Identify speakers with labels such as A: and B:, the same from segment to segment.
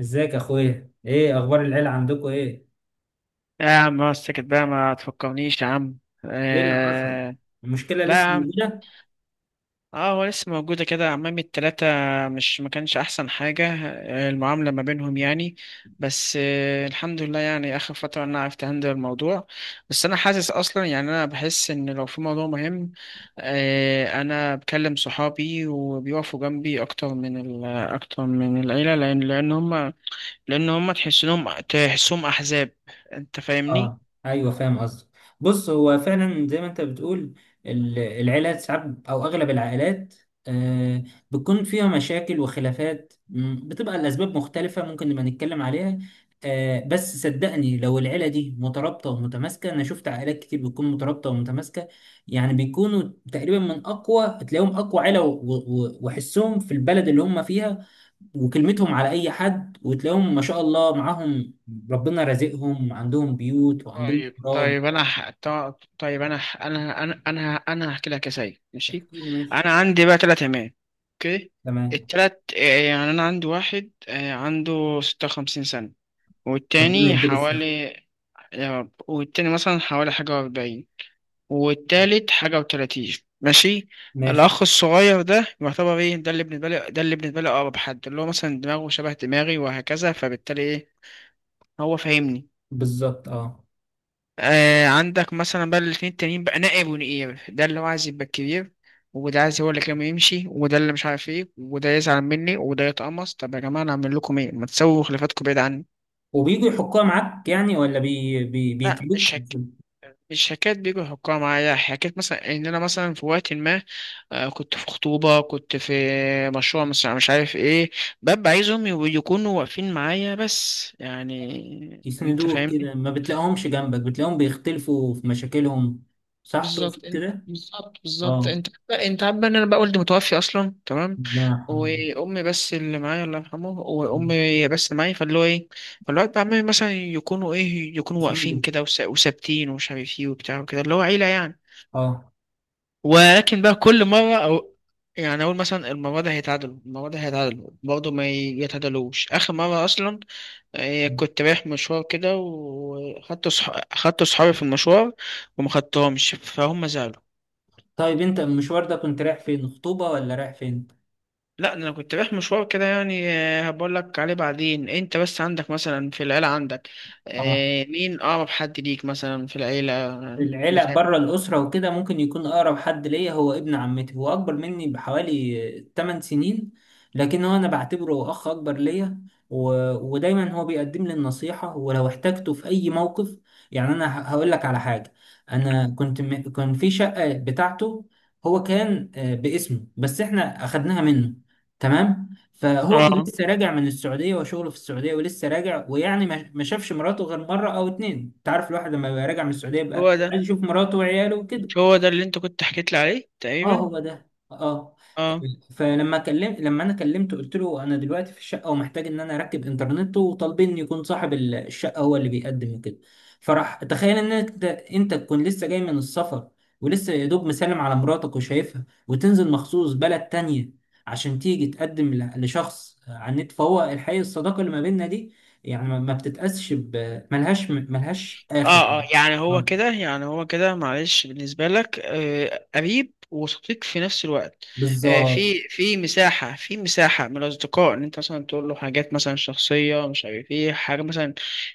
A: ازيك يا اخويا، ايه اخبار العيله؟ عندكم ايه؟
B: يا عم ما سكت بقى، ما تفكرنيش يا عم.
A: ايه اللي حصل؟
B: آه.
A: المشكله
B: لا يا
A: لسه
B: عم.
A: موجوده.
B: اه، هو لسه موجودة كده عمامي التلاتة. مش، ما كانش أحسن حاجة، المعاملة ما بينهم يعني. بس الحمد لله يعني، آخر فترة أنا عرفت أهندل الموضوع. بس أنا حاسس أصلا يعني، أنا بحس إن لو في موضوع مهم، أنا بكلم صحابي وبيقفوا جنبي أكتر من ال العيلة، لأن هما تحسهم أحزاب. أنت فاهمني؟
A: اه، ايوه فاهم قصدك. بص، هو فعلا زي ما انت بتقول. العيلات ساعات او اغلب العائلات، آه بتكون فيها مشاكل وخلافات، بتبقى الاسباب مختلفه. ممكن نبقى نتكلم عليها. بس صدقني، لو العيله دي مترابطه ومتماسكه، انا شفت عائلات كتير بتكون مترابطه ومتماسكه. يعني بيكونوا تقريبا من اقوى، تلاقيهم اقوى عيله وحسهم في البلد اللي هم فيها، وكلمتهم على اي حد، وتلاقيهم ما شاء الله معاهم، ربنا رازقهم، عندهم بيوت وعندهم
B: طيب
A: اراضي.
B: طيب طيب انا هحكي لك يا سيد، ماشي.
A: احكي لي، ماشي.
B: انا عندي بقى ثلاث عمال، اوكي.
A: تمام.
B: التلات، يعني انا عندي واحد، عنده 56 سنة.
A: ربنا
B: والتاني
A: يديله الصحه.
B: حوالي، يا رب. والتاني مثلا حوالي حاجة وأربعين، والتالت حاجة وتلاتين، ماشي.
A: ماشي.
B: الأخ الصغير ده يعتبر إيه، ده اللي بالنسبة لي أقرب حد، اللي هو مثلا دماغه شبه دماغي وهكذا، فبالتالي إيه، هو فاهمني.
A: بالظبط، اه.
B: آه، عندك مثلا بقى الاتنين التانيين بقى نائب ونقيب، ده اللي هو عايز يبقى الكبير، وده عايز هو اللي كان يمشي، وده اللي مش عارف ايه، وده يزعل مني، وده يتقمص. طب يا جماعة، انا اعمل لكم ايه؟ ما تسووا خلافاتكم بعيد عني.
A: وبيجوا يحكوها معاك يعني ولا بي بي
B: لا،
A: بيتلوك؟
B: مش حكاية بيجوا يحكوها معايا، حكاية مثلا ان انا مثلا في وقت ما كنت في خطوبة، كنت في مشروع، مش عارف ايه، ببقى عايزهم يكونوا واقفين معايا بس، يعني انت.
A: يسندوك كده، ما بتلاقيهمش جنبك، بتلاقيهم بيختلفوا في مشاكلهم. صح، تقصد
B: بالظبط انت
A: كده؟
B: بالظبط بالظبط
A: اه،
B: انت انت عارف بقى ان انا بقى والدي متوفي اصلا، تمام.
A: ربنا يرحمهم.
B: وامي بس اللي معايا الله يرحمه، وامي بس اللي معايا، فاللي هو ايه، فالوقت بقى عمامي مثلا يكونوا ايه، يكونوا واقفين
A: يسندوا.
B: كده وثابتين ومش عارف ايه وبتاع وكده، اللي هو عيله يعني.
A: اه.
B: ولكن بقى كل مره، او يعني اقول مثلا المره دي هيتعادلوا، المره دي هيتعادلوا، برضه ما يتعادلوش. اخر مره اصلا، كنت رايح مشوار كده، وخدت صح... خدت صحابي في المشوار، وما خدتهمش، فهم زعلوا.
A: طيب، انت المشوار ده كنت رايح فين؟ خطوبه ولا رايح فين؟
B: لا ده انا كنت رايح مشوار كده يعني، هبقول لك عليه بعدين. انت بس عندك مثلا في العيله، عندك،
A: اه،
B: مين اقرب حد ليك مثلا في العيله،
A: العيلة
B: بتاع؟
A: بره الأسرة وكده ممكن يكون أقرب حد ليا هو ابن عمتي، هو أكبر مني بحوالي 8 سنين، لكن هو أنا بعتبره أخ أكبر ليا. و... ودايما هو بيقدم لي النصيحة ولو احتجته في أي موقف. يعني أنا هقول لك على حاجة. أنا كنت كان في شقة بتاعته. هو كان باسمه، بس إحنا أخدناها منه. تمام، فهو كان
B: اه
A: لسه راجع من السعودية وشغله في السعودية ولسه راجع، ويعني ما شافش مراته غير مرة أو اتنين. أنت عارف الواحد لما بيبقى راجع من السعودية،
B: هو ده.
A: عايز يشوف مراته وعياله وكده.
B: مش هو ده اللي انت كنت حكيت لي عليه
A: اه،
B: تقريبا؟
A: هو ده، اه.
B: اه.
A: فلما كلمت، لما انا كلمته قلت له انا دلوقتي في الشقه ومحتاج ان انا اركب انترنت، وطالبين يكون صاحب الشقه هو اللي بيقدم وكده. فراح تخيل ان انت تكون لسه جاي من السفر ولسه يا دوب مسلم على مراتك وشايفها، وتنزل مخصوص بلد تانية عشان تيجي تقدم لشخص على النت. فهو الحقيقه الصداقه اللي ما بيننا دي يعني ما بتتقاسش، ملهاش
B: اه
A: اخر.
B: اه، يعني هو
A: آه،
B: كده، يعني هو كده، معلش. بالنسبة لك قريب وصديق في نفس الوقت.
A: بالظبط.
B: في مساحة من الأصدقاء، إن أنت مثلا تقول له حاجات مثلا شخصية، مش عارف إيه، حاجة مثلا،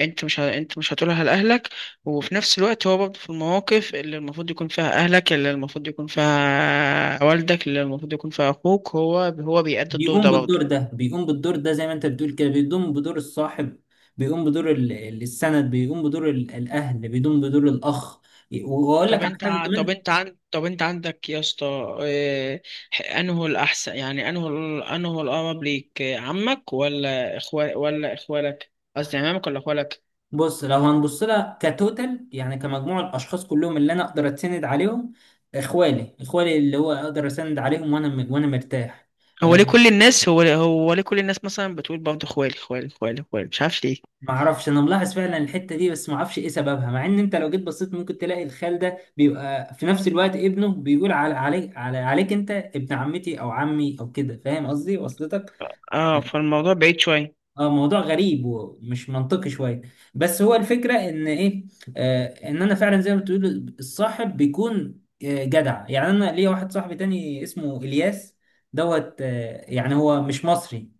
B: أنت مش هتقولها لأهلك. وفي نفس الوقت، هو برضه في المواقف اللي المفروض يكون فيها أهلك، اللي المفروض يكون فيها والدك، اللي المفروض يكون فيها أخوك، هو بيأدي الدور
A: بيقوم
B: ده برضه.
A: بالدور ده، بيقوم بالدور ده زي ما انت بتقول كده، بيقوم بدور الصاحب، بيقوم بدور السند، بيقوم بدور الاهل، بيقوم بدور الاخ. واقول لك على حاجه كمان.
B: طب انت عندك يا اسطى، انه الاحسن، يعني انه الاقرب ليك، عمك ولا اخوال، ولا اخوالك؟ قصدي عمامك ولا اخوالك.
A: بص، لو هنبص لها كتوتال، يعني كمجموع الاشخاص كلهم اللي انا اقدر اتسند عليهم، اخوالي، اخوالي اللي هو اقدر اسند عليهم وانا مرتاح. آه،
B: هو ليه كل الناس مثلا بتقول برضه اخوالي اخوالي اخوالي اخوالي؟ مش عارف ليه.
A: ما اعرفش، انا ملاحظ فعلا الحته دي، بس ما اعرفش ايه سببها، مع ان انت لو جيت بصيت ممكن تلاقي الخال ده بيبقى في نفس الوقت ابنه بيقول على عليك انت ابن عمتي او عمي او كده. فاهم قصدي؟ وصلتك؟
B: اه، فالموضوع بعيد شويه.
A: اه، موضوع غريب ومش منطقي شويه. بس هو الفكره ان ايه، ان انا فعلا زي ما بتقول الصاحب بيكون جدع. يعني انا ليا واحد صاحبي تاني اسمه الياس دوت، يعني هو مش مصري،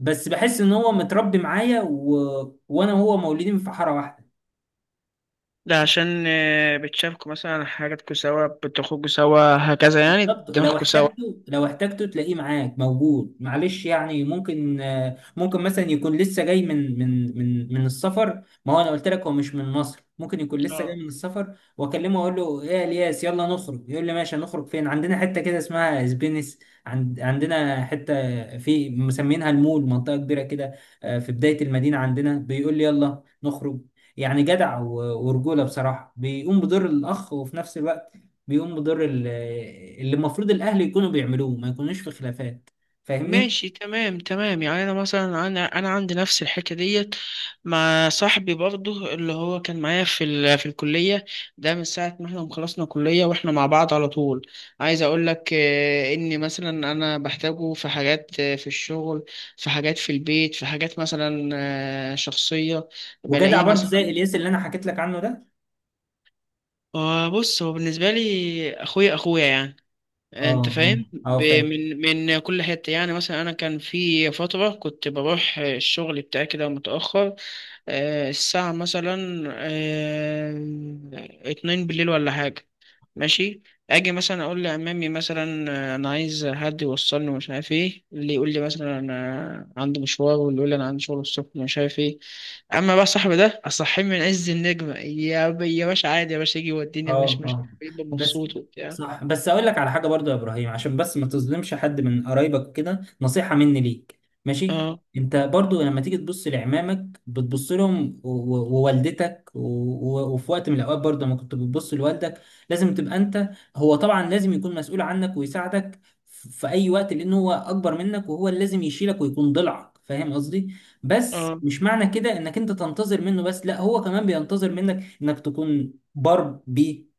A: بس بحس ان هو متربي معايا، وانا وهو مولودين في حاره واحده.
B: ده عشان بتشاركوا مثلا حاجاتكوا سوا، بتخرجوا سوا، هكذا، يعني
A: بالظبط، لو
B: دماغكوا سوا.
A: احتجته لو احتجته تلاقيه معاك موجود. معلش، يعني ممكن، ممكن مثلا يكون لسه جاي من السفر. ما هو انا قلت لك هو مش من مصر. ممكن يكون لسه جاي من السفر واكلمه اقول له ايه يا الياس، يلا نخرج، يقول لي ماشي. هنخرج فين؟ عندنا حته كده اسمها اسبينس. عندنا حته في مسمينها المول، منطقه كبيره كده، في بدايه المدينه عندنا. بيقول لي يلا نخرج. يعني جدع ورجوله بصراحه، بيقوم بدور الاخ، وفي نفس الوقت بيقوم بدور اللي المفروض الاهل يكونوا بيعملوه، ما يكونوش في خلافات. فاهمني؟
B: ماشي، تمام تمام. يعني انا مثلا انا عندي نفس الحكايه ديت، مع صاحبي برضه اللي هو كان معايا في الكليه، ده من ساعه ما احنا ما خلصنا كليه، واحنا مع بعض على طول. عايز اقول لك اني مثلا انا بحتاجه في حاجات، في الشغل، في حاجات في البيت، في حاجات مثلا شخصيه،
A: وجدع
B: بلاقيه
A: برضو زي
B: مثلا.
A: الياس اللي انا حكيت لك عنه ده.
B: بص، هو بالنسبه لي اخويا اخويا يعني.
A: اه،
B: انت
A: اه،
B: فاهم
A: اه فاهم.
B: من كل حته. يعني مثلا انا كان في فتره كنت بروح الشغل بتاعي كده متاخر، الساعه مثلا 2 بالليل ولا حاجه، ماشي. اجي مثلا اقول لعمامي مثلا انا عايز حد يوصلني ومش عارف ايه، اللي يقول لي مثلا انا عندي مشوار، واللي يقول لي انا عندي شغل الصبح ومش عارف ايه. اما بقى صاحبي ده، اصحيه من عز النجمه، يا باشا، عادي يا باشا، يجي يوديني،
A: اه،
B: مش
A: اه،
B: بيبقى
A: بس.
B: مبسوط وبتاع.
A: صح، بس اقول لك على حاجه برضو يا ابراهيم، عشان بس ما تظلمش حد من قرايبك، كده نصيحه مني ليك، ماشي.
B: اه
A: انت برضو لما تيجي تبص لعمامك بتبص لهم ووالدتك و- وفي وقت من الاوقات برضو لما كنت بتبص لوالدك لازم تبقى انت، هو طبعا لازم يكون مسؤول عنك ويساعدك في اي وقت، لان هو اكبر منك وهو اللي لازم يشيلك ويكون ضلعك. فاهم قصدي؟ بس
B: اه.
A: مش معنى كده انك انت تنتظر منه بس، لا، هو كمان بينتظر منك انك تكون باربي،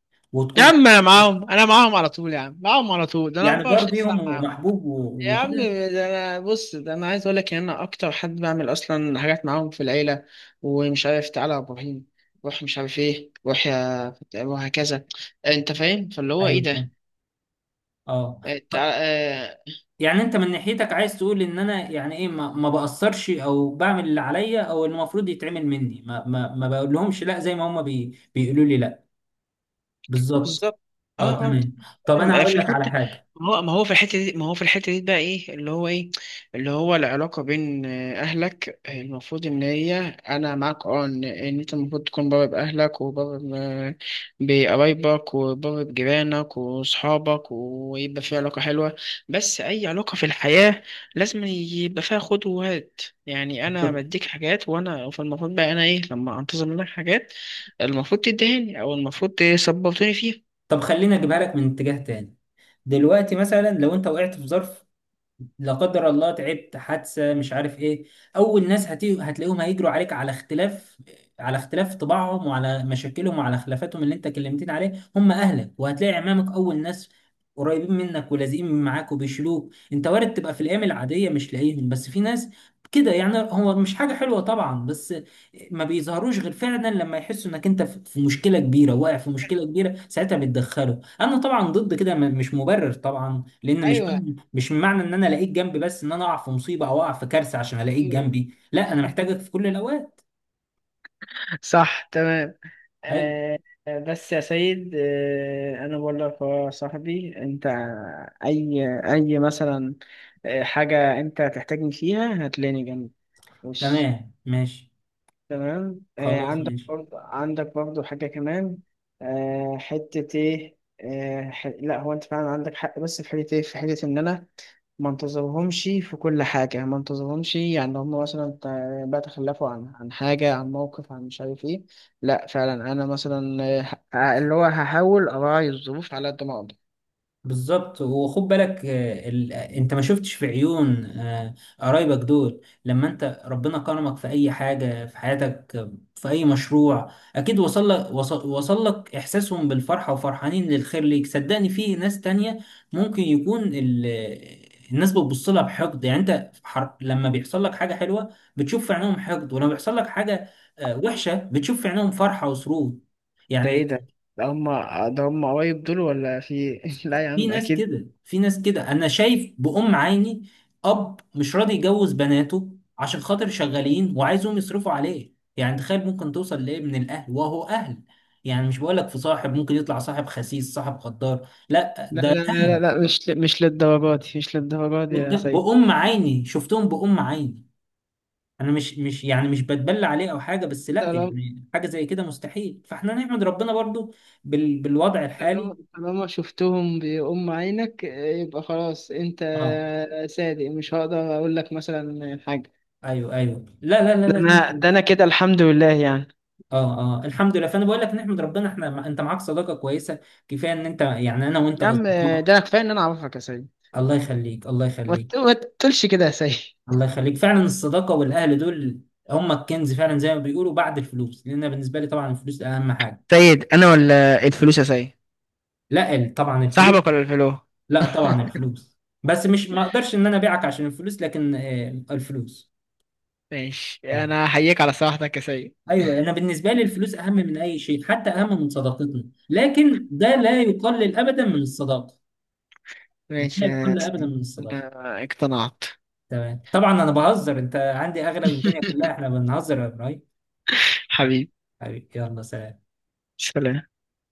B: يا
A: وتكون،
B: عم انا معاهم، انا معاهم على طول يا عم، معاهم على طول. ده انا
A: يعني
B: 24 ساعه
A: باربيهم
B: معاهم
A: ومحبوب
B: يا عم.
A: وكده.
B: ده انا بص، ده انا عايز اقول لك ان انا اكتر حد بعمل اصلا حاجات معاهم في العيله، ومش عارف، تعالى يا ابراهيم، روح، مش عارف ايه، روح، وهكذا. انت فاهم، فاللي هو
A: ايوه
B: ايه
A: فاهم. اه.
B: ده.
A: ط- يعني انت من ناحيتك عايز تقول ان انا يعني ايه، ما بأثرش او بعمل اللي عليا او المفروض يتعمل مني. ما بقول لهمش، لا، زي ما هم بيقولوا لي، لا. بالظبط.
B: بالظبط.
A: اه،
B: اه اه
A: تمام. طب
B: فاهم.
A: انا هقول
B: في
A: لك على
B: الحته،
A: حاجه.
B: ما هو ما هو في الحته دي ما هو في الحته دي بقى ايه، اللي هو العلاقه بين اهلك، المفروض ان هي، انا معاك، إن انت المفروض تكون بابا باهلك، وبابا بقرايبك، وبابا بجيرانك واصحابك، ويبقى في علاقه حلوه. بس اي علاقه في الحياه لازم يبقى فيها خد وهات، يعني انا
A: بالظبط.
B: بديك حاجات، وانا فالمفروض بقى انا ايه، لما انتظر منك حاجات، المفروض تدهني، او المفروض تسبورتني فيها.
A: طب خليني اجيبها لك من اتجاه تاني. دلوقتي مثلا لو انت وقعت في ظرف، لا قدر الله، تعبت، حادثه، مش عارف ايه، اول ناس هتلاقيهم هيجروا عليك على اختلاف، طباعهم، وعلى مشاكلهم، وعلى خلافاتهم اللي انت كلمتين عليه، هم اهلك. وهتلاقي عمامك اول ناس قريبين منك ولازقين معاك وبيشلوك. انت وارد تبقى في الايام العاديه مش لاقيهم، بس في ناس كده. يعني هو مش حاجه حلوه طبعا، بس ما بيظهروش غير فعلا لما يحسوا انك انت في مشكله كبيره، واقع في مشكله كبيره، ساعتها بيتدخلوا. انا طبعا ضد كده، مش مبرر طبعا، لان مش
B: ايوه،
A: معنى مش معنى ان انا الاقيك جنبي بس ان انا اقع في مصيبه او اقع في كارثه عشان الاقيك
B: ايوه،
A: جنبي، لا، انا محتاجك في كل الاوقات.
B: صح، تمام،
A: ايوه
B: آه. بس يا سيد، انا بقول لك يا صاحبي انت، اي اي مثلا حاجة انت هتحتاجني فيها هتلاقيني جنبك، وش،
A: تمام ماشي.
B: تمام.
A: خلاص
B: عندك
A: ماشي.
B: برضه عندك برضه حاجة كمان. حتة إيه، لا، هو أنت فعلا عندك حق، بس في حتة إيه، في حتة إن أنا ما انتظرهمش في كل حاجة، ما انتظرهمش، يعني هم مثلا بقى تخلفوا عن حاجة، عن موقف، عن مش عارف إيه، لا، فعلا أنا مثلا اللي هو هحاول أراعي الظروف على قد ما أقدر.
A: بالظبط. وخد بالك، آه، ال... آه، انت ما شفتش في عيون قرايبك دول لما انت ربنا كرمك في اي حاجة في حياتك، في اي مشروع، اكيد وصل لك، وصل لك احساسهم بالفرحة وفرحانين للخير ليك. صدقني في ناس تانية ممكن يكون ال... آه، الناس بتبص لها بحقد. يعني انت، لما بيحصل لك حاجة حلوة بتشوف في عينهم حقد، ولما بيحصل لك حاجة وحشة بتشوف في عينهم فرحة وسرور.
B: ده إيه
A: يعني
B: ده؟ ده هم ده هم قرايب دول، ولا في إيه؟ لا يا
A: في
B: عم،
A: ناس
B: أكيد
A: كده، في ناس كده انا شايف بأم عيني. اب مش راضي يجوز بناته عشان خاطر شغالين وعايزهم يصرفوا عليه. يعني تخيل ممكن توصل لايه من الاهل وهو اهل، يعني مش بقولك في صاحب ممكن يطلع صاحب خسيس صاحب غدار، لا،
B: لا لا
A: ده
B: لا لا لا، مش للدرجات دي، مش للدرجات دي يا سيد.
A: بأم عيني شفتهم بأم عيني. انا مش يعني مش بتبلى عليه او حاجه، بس لا،
B: طالما
A: يعني حاجه زي كده مستحيل. فاحنا نحمد ربنا برضو بالوضع الحالي.
B: طالما شفتهم بأم عينك، يبقى خلاص انت
A: اه،
B: صادق، مش هقدر اقول لك مثلا حاجه.
A: ايوه، ايوه، لا لا
B: ده
A: لا لا.
B: انا ده انا كده الحمد لله يعني.
A: اه اه الحمد لله. فانا بقول لك نحمد ربنا، احنا انت معاك صداقه كويسه. كفايه ان انت، يعني انا وانت
B: يا عم،
A: اصدقاء.
B: ده انا كفايه ان انا اعرفك يا سيد.
A: الله يخليك، الله يخليك.
B: ما تقولش كده يا سيد.
A: الله يخليك فعلا. الصداقه والاهل دول هم الكنز، فعلا زي ما بيقولوا بعد الفلوس، لان أنا بالنسبه لي طبعا الفلوس اهم حاجه.
B: سيد، انا ولا الفلوس يا سيد؟
A: لا، طبعا الفلوس.
B: صاحبك ولا الفلو؟
A: لا، طبعا الفلوس. بس مش، ما اقدرش ان انا ابيعك عشان الفلوس، لكن الفلوس.
B: ماشي،
A: تمام.
B: انا احييك على صراحتك يا سيد.
A: ايوه، انا بالنسبه لي الفلوس اهم من اي شيء، حتى اهم من صداقتنا، لكن ده لا يقلل ابدا من الصداقه. ده
B: ماشي
A: لا
B: يا
A: يقلل ابدا
B: سيد،
A: من الصداقه.
B: انا اقتنعت.
A: تمام طبعا انا بهزر، انت عندي اغلب الدنيا كلها، احنا بنهزر يا ابراهيم.
B: حبيبي.
A: حبيبي، يلا سلام.
B: سلام.